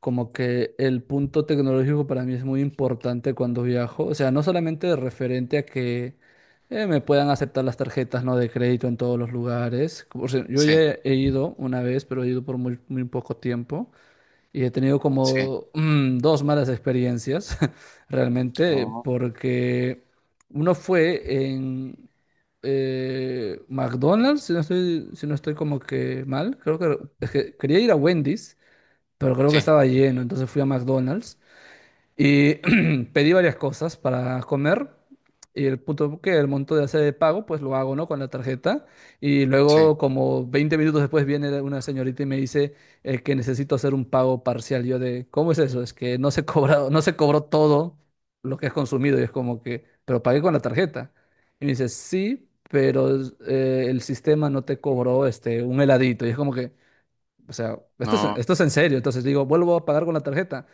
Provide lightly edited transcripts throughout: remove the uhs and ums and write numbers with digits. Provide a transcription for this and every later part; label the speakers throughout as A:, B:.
A: Como que el punto tecnológico para mí es muy importante cuando viajo. O sea, no solamente referente a que me puedan aceptar las tarjetas, ¿no?, de crédito en todos los lugares. O sea, yo ya
B: Sí,
A: he ido una vez, pero he ido por muy, muy poco tiempo y he tenido
B: sí,
A: como dos malas experiencias, realmente,
B: no,
A: porque uno fue en McDonald's, si no estoy como que mal. Creo que es que quería ir a Wendy's, pero creo que
B: sí,
A: estaba lleno, entonces fui a McDonald's y pedí varias cosas para comer. Y el punto que el monto de hacer de pago, pues lo hago, ¿no?, con la tarjeta. Y
B: sí,
A: luego, como 20 minutos después, viene una señorita y me dice que necesito hacer un pago parcial. Yo de, ¿cómo es eso? Es que no no se cobró todo lo que has consumido. Y es como que, pero pagué con la tarjeta. Y me dice, sí, pero el sistema no te cobró este, un heladito. Y es como que, o sea, esto es,
B: no,
A: esto es en serio. Entonces digo, vuelvo a pagar con la tarjeta.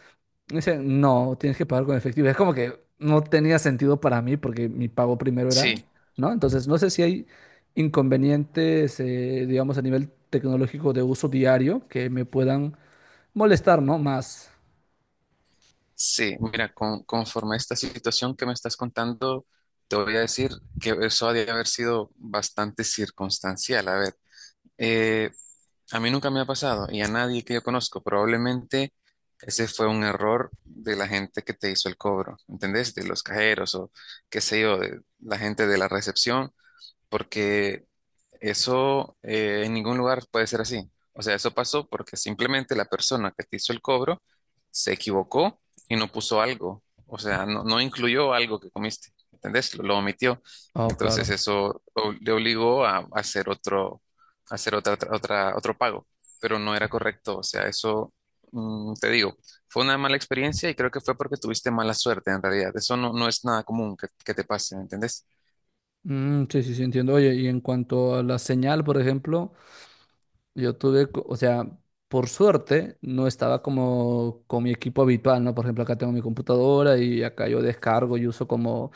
A: Y dice, no, tienes que pagar con efectivo. Es como que no tenía sentido para mí porque mi pago primero era,
B: sí,
A: ¿no? Entonces no sé si hay inconvenientes, digamos, a nivel tecnológico de uso diario que me puedan molestar, ¿no? Más.
B: sí. Mira, conforme a esta situación que me estás contando, te voy a decir que eso ha de haber sido bastante circunstancial. A ver, eh, a mí nunca me ha pasado y a nadie que yo conozco. Probablemente ese fue un error de la gente que te hizo el cobro, ¿entendés? De los cajeros o qué sé yo, de la gente de la recepción, porque eso en ningún lugar puede ser así. O sea, eso pasó porque simplemente la persona que te hizo el cobro se equivocó y no puso algo. O sea, no incluyó algo que comiste. ¿Entendés? Lo omitió.
A: Oh, claro.
B: Entonces eso le obligó a hacer otro, a hacer otra, otra, otra- otro pago. Pero no era correcto. O sea, eso, te digo, fue una mala experiencia y creo que fue porque tuviste mala suerte en realidad. Eso no, no es nada común que te pase, ¿entendés?
A: Mm, sí, sí, sí, entiendo. Oye, y en cuanto a la señal, por ejemplo, yo tuve, o sea, por suerte no estaba como con mi equipo habitual, ¿no? Por ejemplo, acá tengo mi computadora y acá yo descargo y uso como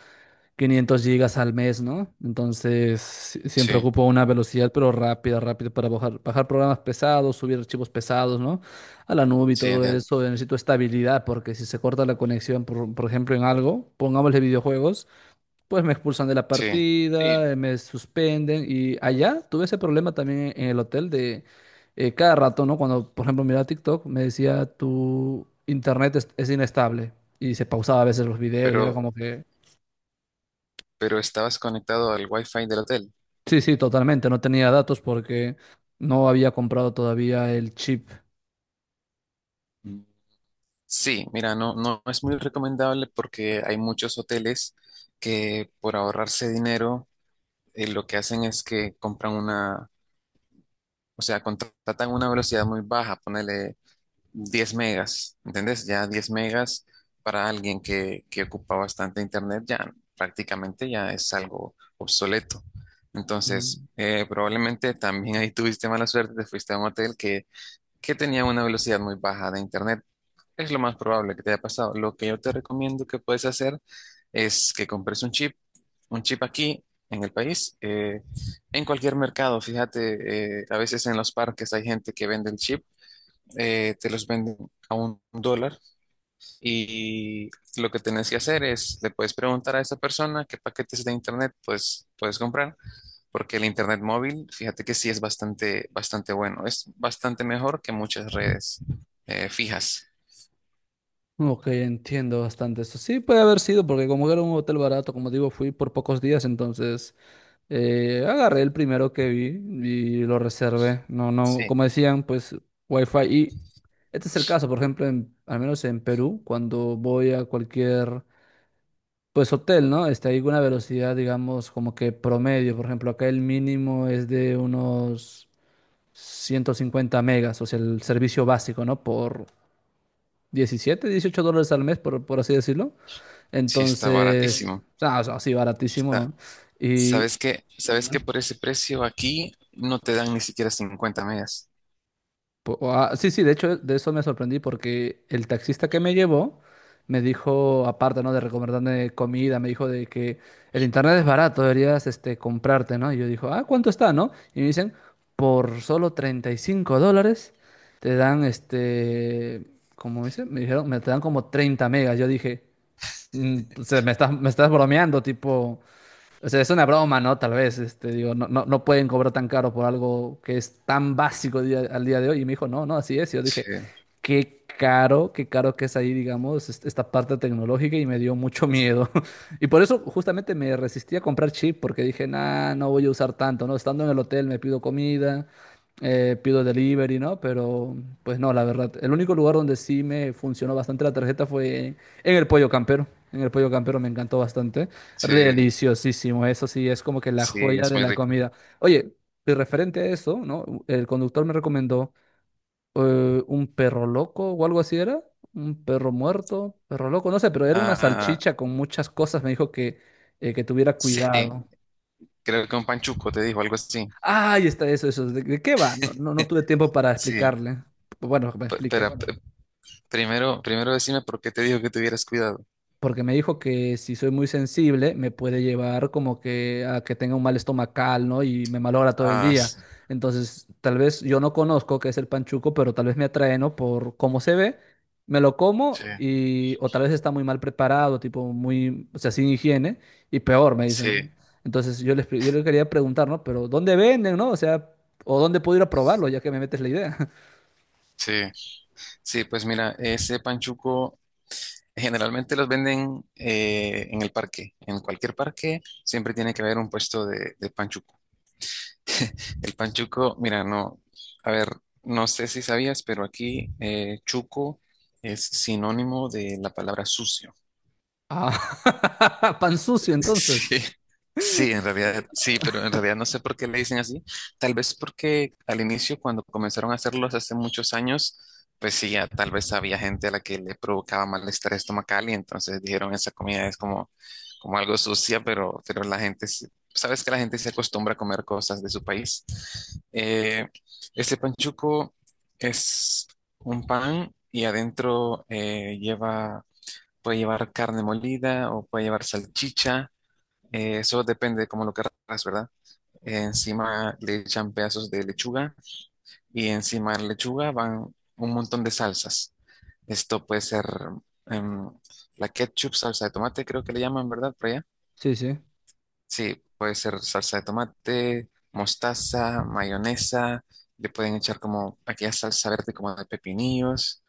A: 500 gigas al mes, ¿no? Entonces, siempre
B: Sí,
A: ocupo una velocidad, pero rápida, rápida, para bajar, bajar programas pesados, subir archivos pesados, ¿no?, a la nube y
B: sí,
A: todo
B: entiendo.
A: eso. Necesito estabilidad porque si se corta la conexión, por ejemplo, en algo, pongámosle videojuegos. Pues me expulsan de la
B: Sí.
A: partida,
B: Sí,
A: me suspenden, y allá tuve ese problema también en el hotel de cada rato, ¿no? Cuando, por ejemplo, miraba TikTok, me decía tu internet es inestable y se pausaba a veces los videos y era
B: Pero,
A: como que,
B: pero estabas conectado al Wi-Fi del hotel.
A: sí, sí, totalmente, no tenía datos porque no había comprado todavía el chip.
B: Mm. Sí, mira, no, no es muy recomendable porque hay muchos hoteles que por ahorrarse dinero, lo que hacen es que compran una, o sea, contratan una velocidad muy baja, ponele 10 megas, ¿entendés? Ya 10 megas para alguien que ocupa bastante internet, ya prácticamente ya es algo obsoleto. Entonces,
A: Mm,
B: probablemente también ahí tuviste mala suerte, te fuiste a un hotel que tenía una velocidad muy baja de internet. Es lo más probable que te haya pasado. Lo que yo te recomiendo que puedes hacer es que compres un chip, aquí en el país, en cualquier mercado. Fíjate, a veces en los parques hay gente que vende el chip, te los venden a $1 y lo que tenés que hacer es, le puedes preguntar a esa persona qué paquetes de internet pues, puedes comprar porque el internet móvil, fíjate que sí es bastante, bastante bueno. Es bastante mejor que muchas redes fijas.
A: ok, entiendo bastante eso. Sí, puede haber sido porque como era un hotel barato, como digo, fui por pocos días. Entonces, agarré el primero que vi y lo reservé. No, no,
B: Sí,
A: como decían, pues Wi-Fi. Y este es el caso, por ejemplo, al menos en Perú, cuando voy a cualquier, pues hotel, ¿no? Hay una velocidad, digamos, como que promedio. Por ejemplo, acá el mínimo es de unos 150 megas, o sea, el servicio básico, ¿no?, por 17 $18 al mes, por así decirlo.
B: sí está sí.
A: Entonces,
B: Baratísimo.
A: ah, o sea, sí, baratísimo, ¿no?
B: Está-
A: Y
B: ¿Sabes qué? ¿Sabes que por ese precio aquí no te dan ni siquiera 50 megas?
A: Ah, sí, sí, de hecho de eso me sorprendí porque el taxista que me llevó me dijo, aparte, ¿no?, de recomendarme comida, me dijo de que el internet es barato, deberías este, comprarte, ¿no? Y yo dijo, ah, ¿cuánto está, no? Y me dicen, por solo $35 te dan este, ¿cómo dice? Me dijeron, me te dan como 30 megas. Yo dije, "Mm, o sea, me estás bromeando, tipo, o sea, es una broma, ¿no? Tal vez, este, digo, no, no, no pueden cobrar tan caro por algo que es tan básico al día de hoy". Y me dijo, no, no, así es. Y yo dije,
B: Sí,
A: qué caro que es ahí, digamos, esta parte tecnológica, y me dio mucho miedo. Y por eso justamente me resistí a comprar chip porque dije, nah, no voy a usar tanto, ¿no? Estando en el hotel me pido comida, pido delivery, ¿no? Pero pues no, la verdad. El único lugar donde sí me funcionó bastante la tarjeta fue en el Pollo Campero. En el Pollo Campero me encantó bastante.
B: sí,
A: Deliciosísimo, eso sí, es como que la
B: sí,
A: joya
B: es
A: de
B: muy
A: la
B: rico.
A: comida. Oye, y referente a eso, ¿no?, el conductor me recomendó un perro loco o algo así era. Un perro muerto, perro loco, no sé, pero era una
B: Ah,
A: salchicha con muchas cosas. Me dijo que tuviera
B: sí,
A: cuidado.
B: creo que un panchuco te dijo algo así.
A: Ahí está, eso, eso. ¿De qué va? No, no, no tuve tiempo para
B: Sí,
A: explicarle. Bueno, que me
B: pero
A: explique.
B: bueno, primero decime por qué te dijo que tuvieras cuidado.
A: Porque me dijo que si soy muy sensible, me puede llevar como que a que tenga un mal estomacal, ¿no?, y me malogra todo el
B: Ah,
A: día.
B: bueno.
A: Entonces, tal vez yo no conozco qué es el panchuco, pero tal vez me atrae, ¿no? Por cómo se ve, me lo como
B: Sí,
A: y. O tal vez está muy mal preparado, tipo muy. O sea, sin higiene. Y peor, me dicen.
B: sí,
A: Entonces, yo le quería preguntar, ¿no? Pero, ¿dónde venden, no? O sea, ¿o dónde puedo ir a probarlo, ya que me metes la idea?
B: sí. Sí, pues mira, ese panchuco generalmente los venden en el parque. En cualquier parque siempre tiene que haber un puesto de panchuco. El panchuco, mira, no, a ver, no sé si sabías, pero aquí chuco es sinónimo de la palabra sucio.
A: Ah, pan sucio, entonces.
B: Sí, sí, en realidad, sí, pero en realidad no sé por qué le dicen así. Tal vez porque al inicio, cuando comenzaron a hacerlos hace muchos años, pues sí, ya tal vez había gente a la que le provocaba malestar estomacal y entonces dijeron esa comida es como, como algo sucia, pero la gente, sabes que la gente se acostumbra a comer cosas de su país. Eh, este panchuco es un pan y adentro puede llevar carne molida o puede llevar salchicha, eso depende como lo querrás, ¿verdad? Encima le echan pedazos de lechuga y encima de la lechuga van un montón de salsas. Esto puede ser em, la ketchup, salsa de tomate, creo que le llaman, ¿verdad? Por allá.
A: Sí, sí.
B: Sí, puede ser salsa de tomate, mostaza, mayonesa. Le pueden echar como aquella salsa verde como de pepinillos.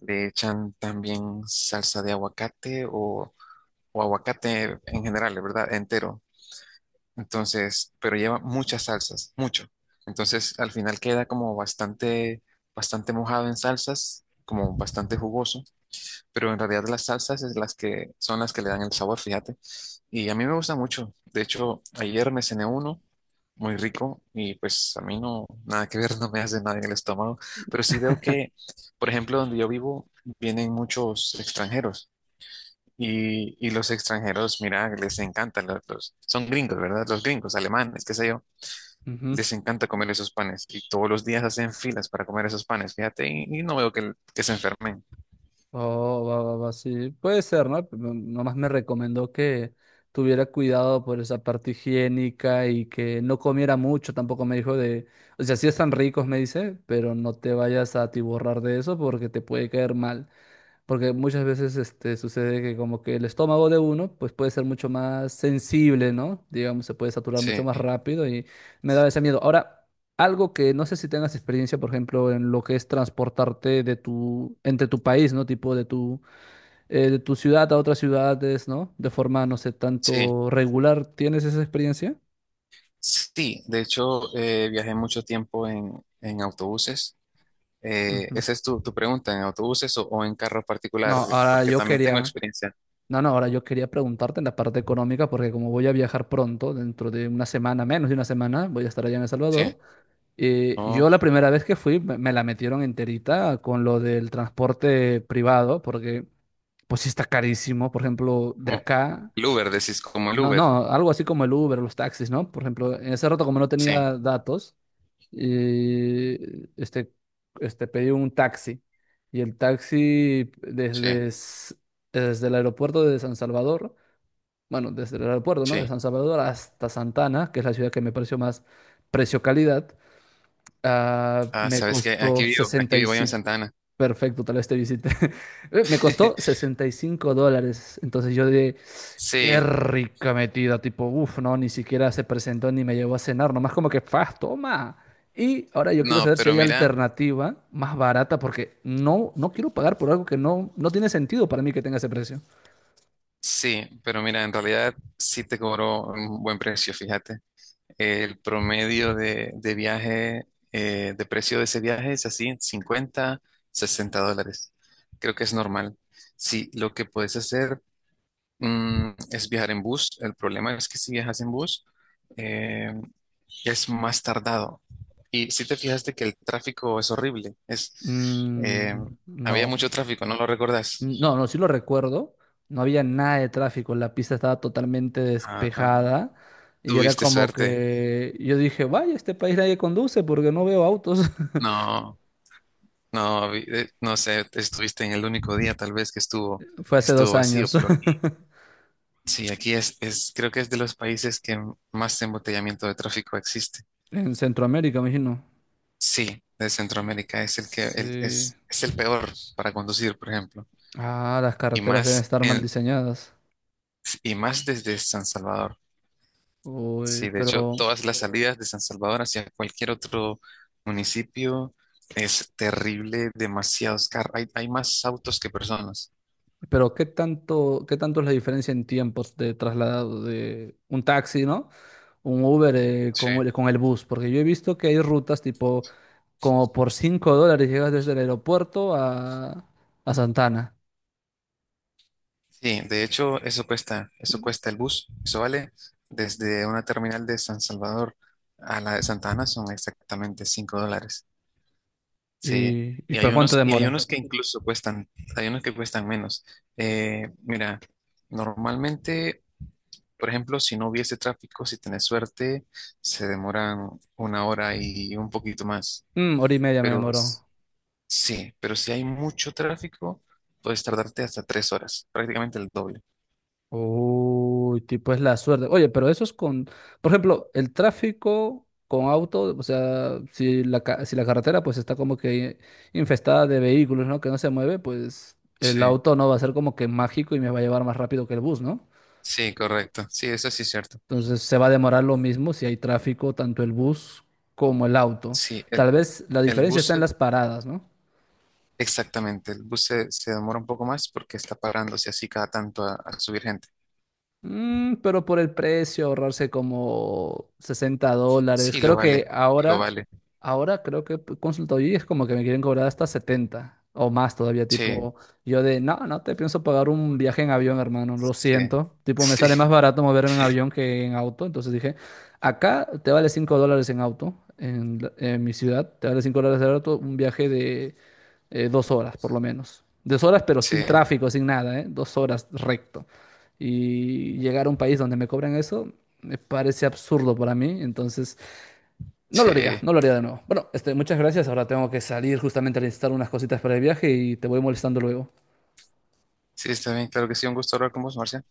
B: Le echan también salsa de aguacate o aguacate en general, ¿verdad? Entero. Entonces, pero lleva muchas salsas, mucho. Entonces, al final queda como bastante, bastante mojado en salsas, como bastante jugoso, pero en realidad las salsas es las que son las que le dan el sabor, fíjate. Y a mí me gusta mucho. De hecho, ayer me cené uno muy rico y pues a mí no, nada que ver, no me hace nada en el estómago, pero sí veo que, por ejemplo, donde yo vivo, vienen muchos extranjeros. Y los extranjeros, mira, les encantan son gringos, ¿verdad? Los gringos, alemanes, qué sé yo,
A: Ujú.
B: les encanta comer esos panes y todos los días hacen filas para comer esos panes, fíjate, y no veo que se enfermen.
A: Oh, va, va, va, sí. Puede ser, ¿no? Pero nomás me recomendó que tuviera cuidado por esa parte higiénica y que no comiera mucho. Tampoco me dijo de. O sea, sí están ricos, me dice, pero no te vayas a atiborrar de eso porque te puede caer mal. Porque muchas veces este, sucede que como que el estómago de uno pues puede ser mucho más sensible, ¿no? Digamos, se puede saturar mucho
B: Sí,
A: más rápido, y me da ese miedo. Ahora, algo que no sé si tengas experiencia, por ejemplo, en lo que es transportarte de tu, entre tu país, ¿no? Tipo de tu ciudad a otras ciudades, ¿no? De forma, no sé,
B: sí,
A: tanto regular. ¿Tienes esa experiencia?
B: sí, de hecho viajé mucho tiempo en autobuses. Eh,
A: Ujú.
B: esa es tu, tu pregunta, ¿en autobuses o en carro
A: No,
B: particular?
A: ahora
B: Porque
A: yo
B: también tengo
A: quería.
B: experiencia.
A: No, no, ahora yo quería preguntarte en la parte económica, porque como voy a viajar pronto, dentro de una semana, menos de una semana, voy a estar allá en El
B: Sí,
A: Salvador.
B: oh,
A: Yo la primera vez que fui me la metieron enterita con lo del transporte privado, porque pues sí está carísimo, por ejemplo, de
B: como
A: acá.
B: el Uber, decís, como el
A: No,
B: Uber.
A: no, algo así como el Uber, los taxis, ¿no? Por ejemplo, en ese rato como no
B: Sí,
A: tenía datos, eh, este, pedí un taxi. Y el taxi
B: sí,
A: desde el aeropuerto de San Salvador, bueno, desde el aeropuerto, ¿no?, de
B: sí.
A: San Salvador hasta Santa Ana, que es la ciudad que me pareció más precio-calidad, ah,
B: Ah,
A: me
B: sabes que
A: costó
B: aquí
A: sesenta y
B: vivo yo en
A: cinco.
B: Santana.
A: Perfecto, tal vez te visite. Me costó $65. Entonces yo dije, qué
B: Sí,
A: rica metida. Tipo, uff, no, ni siquiera se presentó ni me llevó a cenar. Nomás como que, faz, toma. Y ahora yo quiero
B: no,
A: saber si
B: pero
A: hay
B: mira,
A: alternativa más barata porque no, no quiero pagar por algo que no, no tiene sentido para mí que tenga ese precio.
B: sí, pero mira, en realidad sí te cobró un buen precio, fíjate. El promedio de viaje, de precio de ese viaje es así, 50, $60. Creo que es normal. Sí, lo que puedes hacer, es viajar en bus. El problema es que si viajas en bus, eh, es más tardado. Y si te fijaste que el tráfico es horrible,
A: Mm,
B: había
A: no.
B: mucho tráfico, ¿no lo recordás?
A: No, no, sí lo recuerdo. No había nada de tráfico, la pista estaba totalmente
B: Ah,
A: despejada, y era
B: tuviste
A: como
B: suerte.
A: que yo dije, vaya, este país nadie conduce porque no veo autos.
B: No, no, no sé, estuviste en el único día tal vez
A: Fue
B: que
A: hace
B: estuvo
A: dos
B: vacío,
A: años,
B: pero aquí, sí, aquí es, creo que es de los países que más embotellamiento de tráfico existe.
A: En Centroamérica, me imagino.
B: Sí, de Centroamérica es el que
A: Sí.
B: es el peor para conducir, por ejemplo,
A: Ah, las
B: y
A: carreteras deben
B: más
A: estar mal diseñadas.
B: y más desde San Salvador.
A: Uy,
B: Sí, de hecho,
A: pero,
B: todas las salidas de San Salvador hacia cualquier otro municipio es terrible, demasiados carros, hay más autos que personas.
A: pero ¿qué tanto es la diferencia en tiempos de traslado de un taxi, ¿no?, un Uber,
B: Sí,
A: con el bus? Porque yo he visto que hay rutas tipo, como por $5 llegas desde el aeropuerto a, Santana.
B: Sí, de hecho, eso cuesta el bus. Eso vale desde una terminal de San Salvador a la de Santa Ana son exactamente $5. Sí,
A: ¿Y por cuánto
B: y hay
A: demora?
B: unos que incluso cuestan, hay unos que cuestan menos. Mira, normalmente, por ejemplo, si no hubiese tráfico, si tenés suerte, se demoran una hora y un poquito más.
A: Mm, hora y media me
B: Pero
A: demoró.
B: s- sí, pero si hay mucho tráfico, puedes tardarte hasta 3 horas, prácticamente el doble.
A: Uy, tipo es la suerte. Oye, pero eso es con, por ejemplo, el tráfico con auto, o sea, si la carretera pues está como que infestada de vehículos, ¿no?, que no se mueve, pues el
B: Sí.
A: auto no va a ser como que mágico y me va a llevar más rápido que el bus, ¿no?
B: Sí, correcto. Sí, eso sí es cierto.
A: Entonces se va a demorar lo mismo si hay tráfico, tanto el bus como el auto.
B: Sí,
A: Tal vez la
B: el
A: diferencia
B: bus,
A: está en
B: se-
A: las paradas, ¿no?
B: exactamente, el bus se demora un poco más porque está parándose así cada tanto a subir gente.
A: Mm, pero por el precio, ahorrarse como $60.
B: Sí, lo
A: Creo que
B: vale, lo
A: ahora,
B: vale.
A: ahora creo que he consultado y es como que me quieren cobrar hasta 70 o más todavía.
B: Sí,
A: Tipo, yo de, no, no te pienso pagar un viaje en avión, hermano, lo
B: sí,
A: siento. Tipo, me sale más
B: sí,
A: barato moverme en avión que en auto. Entonces dije, acá te vale $5 en auto, en mi ciudad, te vale $5 en auto, un viaje de 2 horas por lo menos. 2 horas, pero
B: sí,
A: sin tráfico, sin nada, ¿eh? 2 horas recto y llegar a un país donde me cobran eso me parece absurdo para mí, entonces no lo haría,
B: sí,
A: no lo haría de nuevo. Bueno, este, muchas gracias, ahora tengo que salir justamente a necesitar unas cositas para el viaje y te voy molestando luego.
B: sí, está bien, claro que sí, un gusto hablar con vos, Marcia.